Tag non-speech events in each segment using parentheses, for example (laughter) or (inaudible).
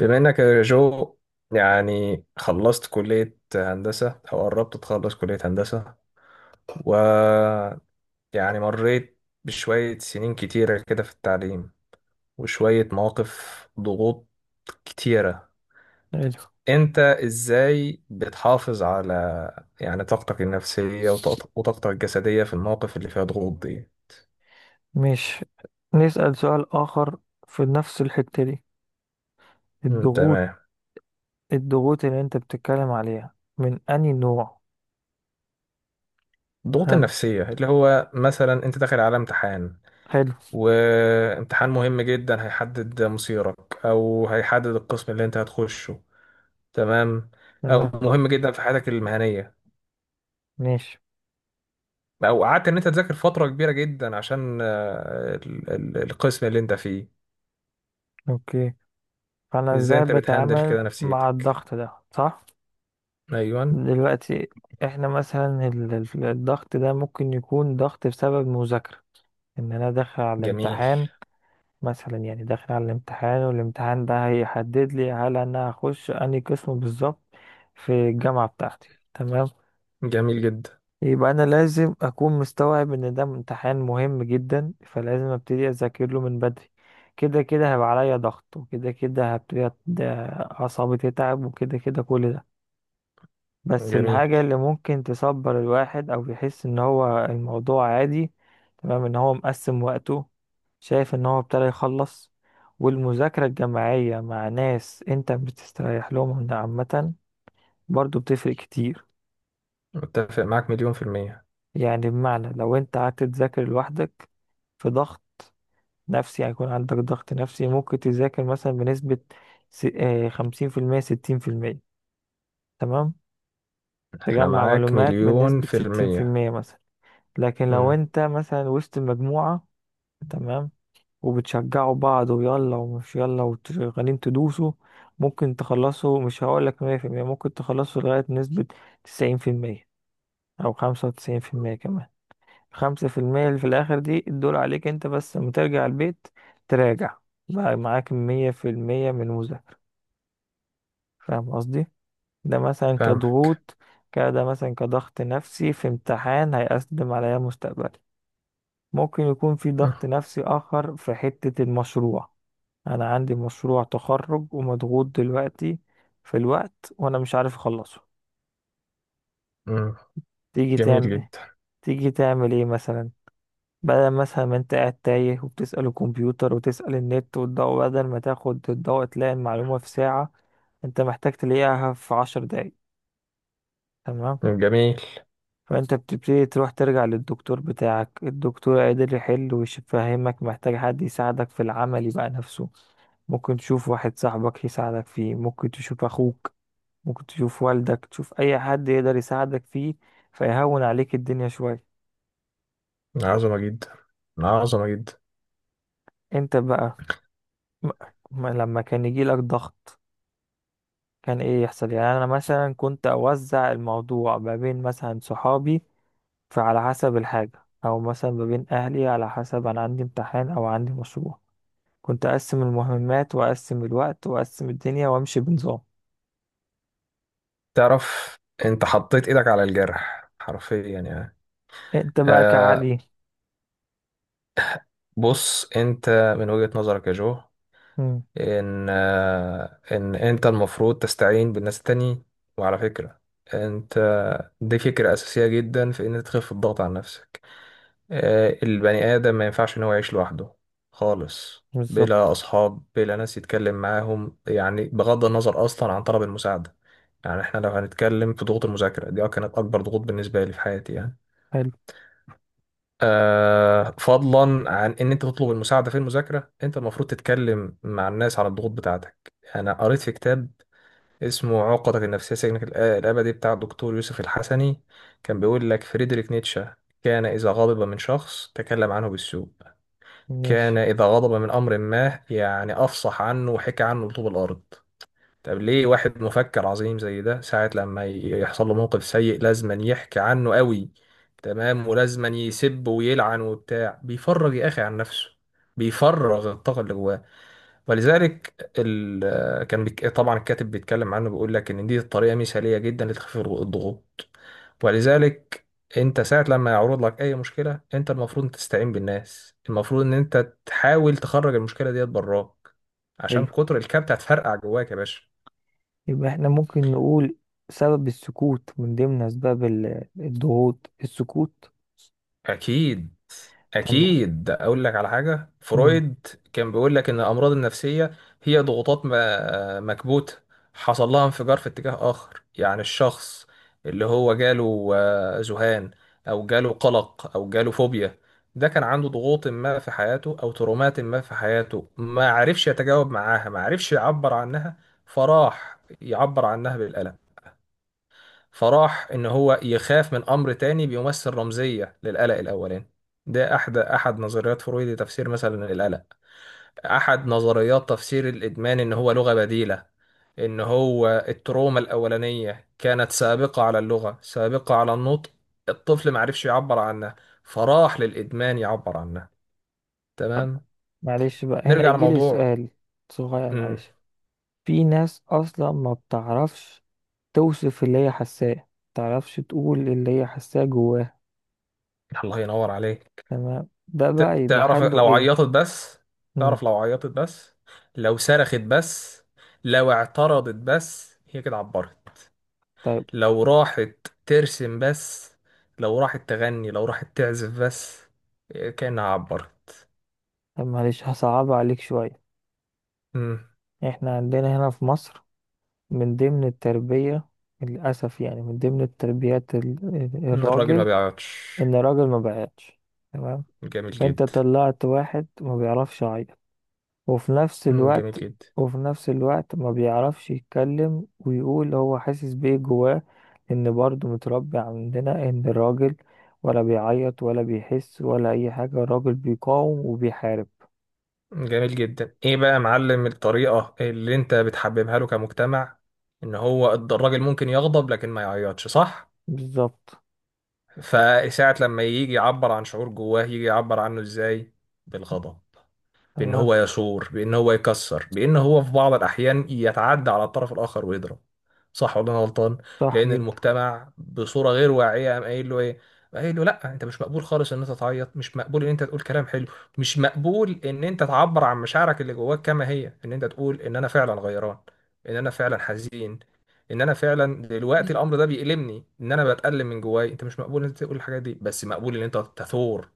بما انك يا جو، خلصت كلية هندسة او قربت تخلص كلية هندسة، و مريت بشوية سنين كتيرة كده في التعليم وشوية مواقف ضغوط كتيرة. حلو. انت ازاي بتحافظ على طاقتك النفسية وطاقتك الجسدية في المواقف اللي فيها ضغوط دي؟ مش نسأل سؤال آخر في نفس الحتة دي. الضغوط تمام. الضغوط اللي أنت بتتكلم عليها من أي نوع؟ الضغوط هل النفسية اللي هو مثلا انت داخل على امتحان، حلو، وامتحان مهم جدا هيحدد مصيرك او هيحدد القسم اللي انت هتخشه، تمام؟ او تمام، مهم جدا في حياتك المهنية، ماشي، او قعدت ان انت تذاكر فترة كبيرة جدا عشان القسم اللي انت فيه. أوكي. فأنا ازاي إزاي انت بتهندل بتعامل كده مع نفسيتك؟ الضغط ده، صح؟ ايوه. دلوقتي إحنا مثلا الضغط ده ممكن يكون ضغط بسبب مذاكرة، إن أنا داخل على جميل. الامتحان. مثلا يعني داخل على الامتحان، والامتحان ده هيحدد لي هل انا هخش انهي قسم بالظبط في الجامعة بتاعتي، تمام. جميل جدا. يبقى انا لازم اكون مستوعب ان ده امتحان مهم جدا، فلازم ابتدي اذاكر له من بدري. كده كده هيبقى عليا ضغط، وكده كده هبتدي اعصابي تتعب، وكده كده كل ده. بس جميل. الحاجة اللي ممكن تصبر الواحد أو يحس إن هو الموضوع عادي، تمام، إن هو مقسم وقته، شايف إن هو ابتدى يخلص. والمذاكرة الجماعية مع ناس أنت بتستريح لهم عامة، برضو بتفرق كتير. متفق معاك مليون في المية. يعني بمعنى لو أنت قعدت تذاكر لوحدك، في ضغط نفسي، هيكون عندك ضغط نفسي، ممكن تذاكر مثلا بنسبة 50%، 60%. تمام، انا تجمع معاك معلومات مليون بنسبة في ستين في المية. المية مثلا. لكن لو امم. انت مثلا وسط المجموعة، تمام، وبتشجعوا بعض، ويلا ومش يلا، وشغالين تدوسوا، ممكن تخلصوا، مش هقولك 100%، ممكن تخلصوا لغاية نسبة 90%، أو 95% كمان. 5% اللي في الآخر دي الدول عليك انت بس، لما ترجع البيت تراجع، بقى معاك 100% من المذاكرة. فاهم قصدي؟ ده مثلا فاهمك. كضغوط. كده مثلا كضغط نفسي في امتحان هيقدم عليا مستقبل. ممكن يكون في مم. ضغط نفسي آخر في حتة المشروع. أنا عندي مشروع تخرج ومضغوط دلوقتي في الوقت، وأنا مش عارف أخلصه. مم. تيجي جميل تعمل جدا. تيجي تعمل إيه مثلا؟ بدل مثلا ما أنت قاعد تايه وبتسأل الكمبيوتر وتسأل النت والضوء، بدل ما تاخد الضوء تلاقي المعلومة في ساعة، أنت محتاج تلاقيها في 10 دقايق. تمام. جميل. فانت بتبتدي تروح ترجع للدكتور بتاعك، الدكتور قادر يحل ويفهمك. محتاج حد يساعدك في العمل يبقى نفسه، ممكن تشوف واحد صاحبك يساعدك فيه، ممكن تشوف اخوك، ممكن تشوف والدك، تشوف اي حد يقدر يساعدك فيه، فيهون عليك الدنيا شوية. عظمة جدا، عظمة جدا. انت بقى م- لما كان يجيلك ضغط كان ايه يحصل؟ يعني انا مثلا كنت اوزع الموضوع ما بين مثلا صحابي، فعلى حسب الحاجة، او مثلا ما بين اهلي، على حسب انا عندي امتحان او عندي مشروع. كنت اقسم المهمات واقسم الوقت واقسم الدنيا وامشي بنظام. تعرف انت حطيت ايدك على الجرح حرفيا يعني. انت بقى آه. كعلي. بص انت، من وجهة نظرك يا جو، امم، ان انت المفروض تستعين بالناس التانيين، وعلى فكرة انت، دي فكرة اساسية جدا في ان انت تخف الضغط عن نفسك. آه، البني ادم ما ينفعش ان هو يعيش لوحده خالص، بلا بالظبط. اصحاب بلا ناس يتكلم معاهم، بغض النظر اصلا عن طلب المساعدة. احنا لو هنتكلم في ضغوط المذاكرة دي، أه كانت اكبر ضغوط بالنسبة لي في حياتي يعني. حلو، آه، فضلا عن ان انت تطلب المساعده في المذاكره، انت المفروض تتكلم مع الناس على الضغوط بتاعتك. انا قريت في كتاب اسمه عقدك النفسيه سجنك الابدي، بتاع الدكتور يوسف الحسني. كان بيقول لك فريدريك نيتشه كان اذا غضب من شخص تكلم عنه بالسوء، كان ماشي، اذا غضب من امر ما افصح عنه وحكى عنه لطوب الارض. طب ليه واحد مفكر عظيم زي ده ساعة لما يحصل له موقف سيء لازما يحكي عنه قوي؟ تمام، ولازما يسب ويلعن وبتاع. بيفرغ يا أخي عن نفسه، بيفرغ الطاقة اللي جواه. ولذلك طبعا الكاتب بيتكلم عنه بيقول لك إن دي الطريقة مثالية جدا لتخفيف الضغوط. ولذلك انت ساعة لما يعرض لك اي مشكلة، انت المفروض تستعين بالناس، المفروض ان انت تحاول تخرج المشكلة ديت براك، عشان حلو. كتر الكبت هتفرقع جواك يا باشا. يبقى احنا ممكن نقول سبب السكوت من ضمن اسباب الضغوط السكوت. أكيد، طب. أكيد. أقول لك على حاجة، امم فرويد كان بيقول لك إن الأمراض النفسية هي ضغوطات مكبوتة حصل لها انفجار في اتجاه آخر. يعني الشخص اللي هو جاله ذهان أو جاله قلق أو جاله فوبيا، ده كان عنده ضغوط ما في حياته أو ترومات ما في حياته ما عرفش يتجاوب معاها، ما عرفش يعبر عنها، فراح يعبر عنها بالألم. فراح ان هو يخاف من امر تاني بيمثل رمزيه للقلق الاولاني. ده احد نظريات فرويد لتفسير مثلا القلق. احد نظريات تفسير الادمان ان هو لغه بديله، ان هو التروما الاولانيه كانت سابقه على اللغه، سابقه على النطق، الطفل ما عرفش يعبر عنها، فراح للادمان يعبر عنها. تمام. معلش بقى هنا نرجع يجي لي لموضوع. سؤال صغير، مم. معلش. في ناس اصلا ما بتعرفش توصف اللي هي حاساه، ما بتعرفش تقول اللي هي حاساه جواها. الله ينور عليك. تمام، ده ت- بقى يبقى تعرف حله لو ايه؟ عيطت بس، امم. تعرف لو عيطت بس، لو صرخت بس، لو اعترضت بس، هي كده عبرت. لو راحت ترسم بس، لو راحت تغني، لو راحت تعزف بس، إيه، كأنها عبرت. طب معلش هصعب عليك شوية. مم. احنا عندنا هنا في مصر، من ضمن التربية، للأسف يعني، من ضمن التربيات إن الراجل ما الراجل، بيعيطش. إن الراجل ما بيعيطش. تمام. جميل فأنت جدا. طلعت واحد ما بيعرفش يعيط، وفي نفس مم، جميل الوقت، جدا. ما بيعرفش يتكلم ويقول هو حاسس بإيه جواه. إن برضه متربي عندنا إن الراجل ولا بيعيط ولا بيحس ولا أي حاجة، الراجل بيقاوم وبيحارب. جميل جدا. ايه بقى يا معلم الطريقة اللي انت بتحببها له كمجتمع؟ ان هو الراجل ممكن يغضب لكن ما يعيطش، صح؟ بالظبط. فساعة لما يجي يعبر عن شعور جواه، يجي يعبر عنه ازاي؟ بالغضب، بان تمام. هو يثور، بان هو يكسر، بان هو في بعض الاحيان يتعدى على الطرف الاخر ويضرب. صح ولا انا غلطان؟ صح لان جدا. المجتمع بصوره غير واعيه قام قايل له ايه؟ قايل له لا، انت مش مقبول خالص ان انت تعيط، مش مقبول ان انت تقول كلام حلو، مش مقبول ان انت تعبر عن مشاعرك اللي جواك كما هي، ان انت تقول ان انا فعلا غيران، ان انا فعلا حزين، ان انا فعلا دلوقتي الامر ده بيألمني، ان انا بتألم من جواي. انت مش مقبول ان انت تقول الحاجات دي، بس مقبول ان انت تثور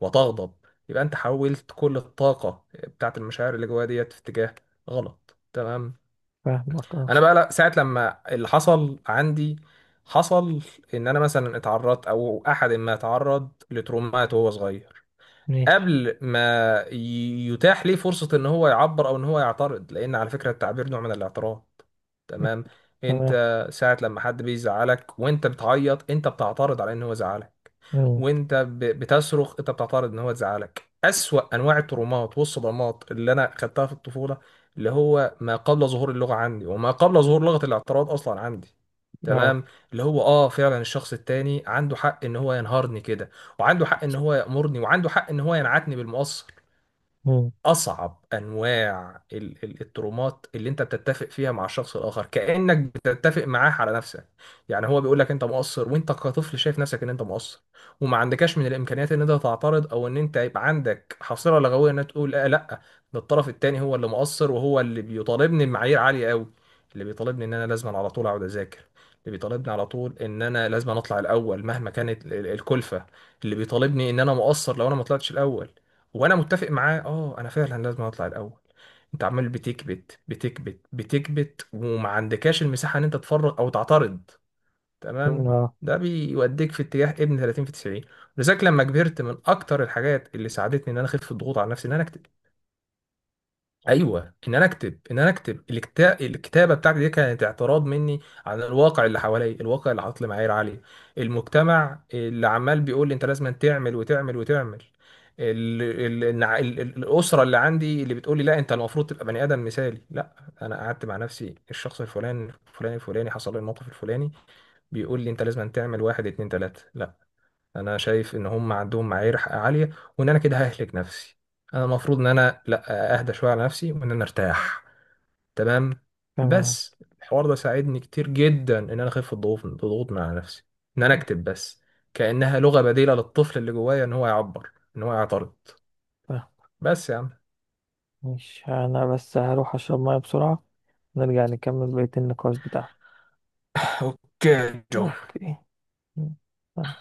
وتغضب. يبقى انت حولت كل الطاقة بتاعت المشاعر اللي جوايا ديت في اتجاه غلط. تمام. فاهمك. اه، انا بقى لا، ساعه لما اللي حصل عندي حصل، ان انا مثلا اتعرضت او احد ما اتعرض لترومات وهو صغير، ماشي، قبل ما يتاح ليه فرصة ان هو يعبر او ان هو يعترض، لان على فكرة التعبير نوع من الاعتراض. تمام. انت تمام. ساعة لما حد بيزعلك وانت بتعيط، انت بتعترض على ان هو زعلك. مم. وانت بتصرخ، انت بتعترض ان هو زعلك. اسوأ انواع الترومات والصدمات اللي انا خدتها في الطفولة اللي هو ما قبل ظهور اللغة عندي، وما قبل ظهور لغة الاعتراض اصلا عندي، اه. تمام، اللي هو اه فعلا الشخص التاني عنده حق ان هو ينهارني كده، وعنده حق ان هو يأمرني، وعنده حق ان هو ينعتني بالمقص. مم. اصعب انواع الترومات اللي انت بتتفق فيها مع الشخص الاخر، كانك بتتفق معاه على نفسك. يعني هو بيقول لك انت مقصر، وانت كطفل شايف نفسك ان انت مقصر، وما عندكش من الامكانيات ان انت تعترض، او ان انت يبقى عندك حصيله لغويه ان أنت تقول لا، لا، ده الطرف التاني هو اللي مقصر، وهو اللي بيطالبني بمعايير عاليه قوي، اللي بيطالبني ان انا لازم على طول اقعد اذاكر، اللي بيطالبني على طول ان انا لازم اطلع الاول مهما كانت الكلفه، اللي بيطالبني ان انا مقصر لو انا ما طلعتش الاول، وانا متفق معاه. اه انا فعلا لازم اطلع الاول. انت عمال بتكبت، بتكبت، بتكبت، وما عندكاش المساحه ان انت تفرغ او تعترض. تمام. اه، ده بيوديك في اتجاه ابن 30 في 90. لذلك لما كبرت، من اكتر الحاجات اللي ساعدتني ان انا اخف الضغوط على نفسي ان انا اكتب. ايوه، ان انا اكتب. ان انا اكتب. الكتابه بتاعتي دي كانت اعتراض مني عن الواقع اللي حواليا، الواقع اللي حاطط لي معايير عاليه، المجتمع اللي عمال بيقول لي انت لازم تعمل وتعمل وتعمل، ال... ال... النع- ال... ال- الاسره اللي عندي اللي بتقول لي لا انت المفروض تبقى بني ادم مثالي. لا، انا قعدت مع نفسي، الشخص الفلاني الفلاني الفلاني حصل له الموقف الفلاني، بيقول لي انت لازم تعمل واحد اتنين تلاته. لا، انا شايف ان هم عندهم معايير عاليه، وان انا كده ههلك نفسي. انا المفروض ان انا لا، اهدى شويه على نفسي وان انا ارتاح. تمام. تمام. بس الحوار ده ساعدني كتير جدا ان انا اخف الضغوط من على نفسي، ان انا اكتب بس، كانها لغه بديله للطفل اللي جوايا ان هو يعبر، ان هو يعترض. فاهم. بس يا عم مش انا بس هروح اشرب ميه بسرعة، نرجع نكمل بقية النقاش بتاعنا. (laughs) اوكي جو. اوكي. مم. تمام.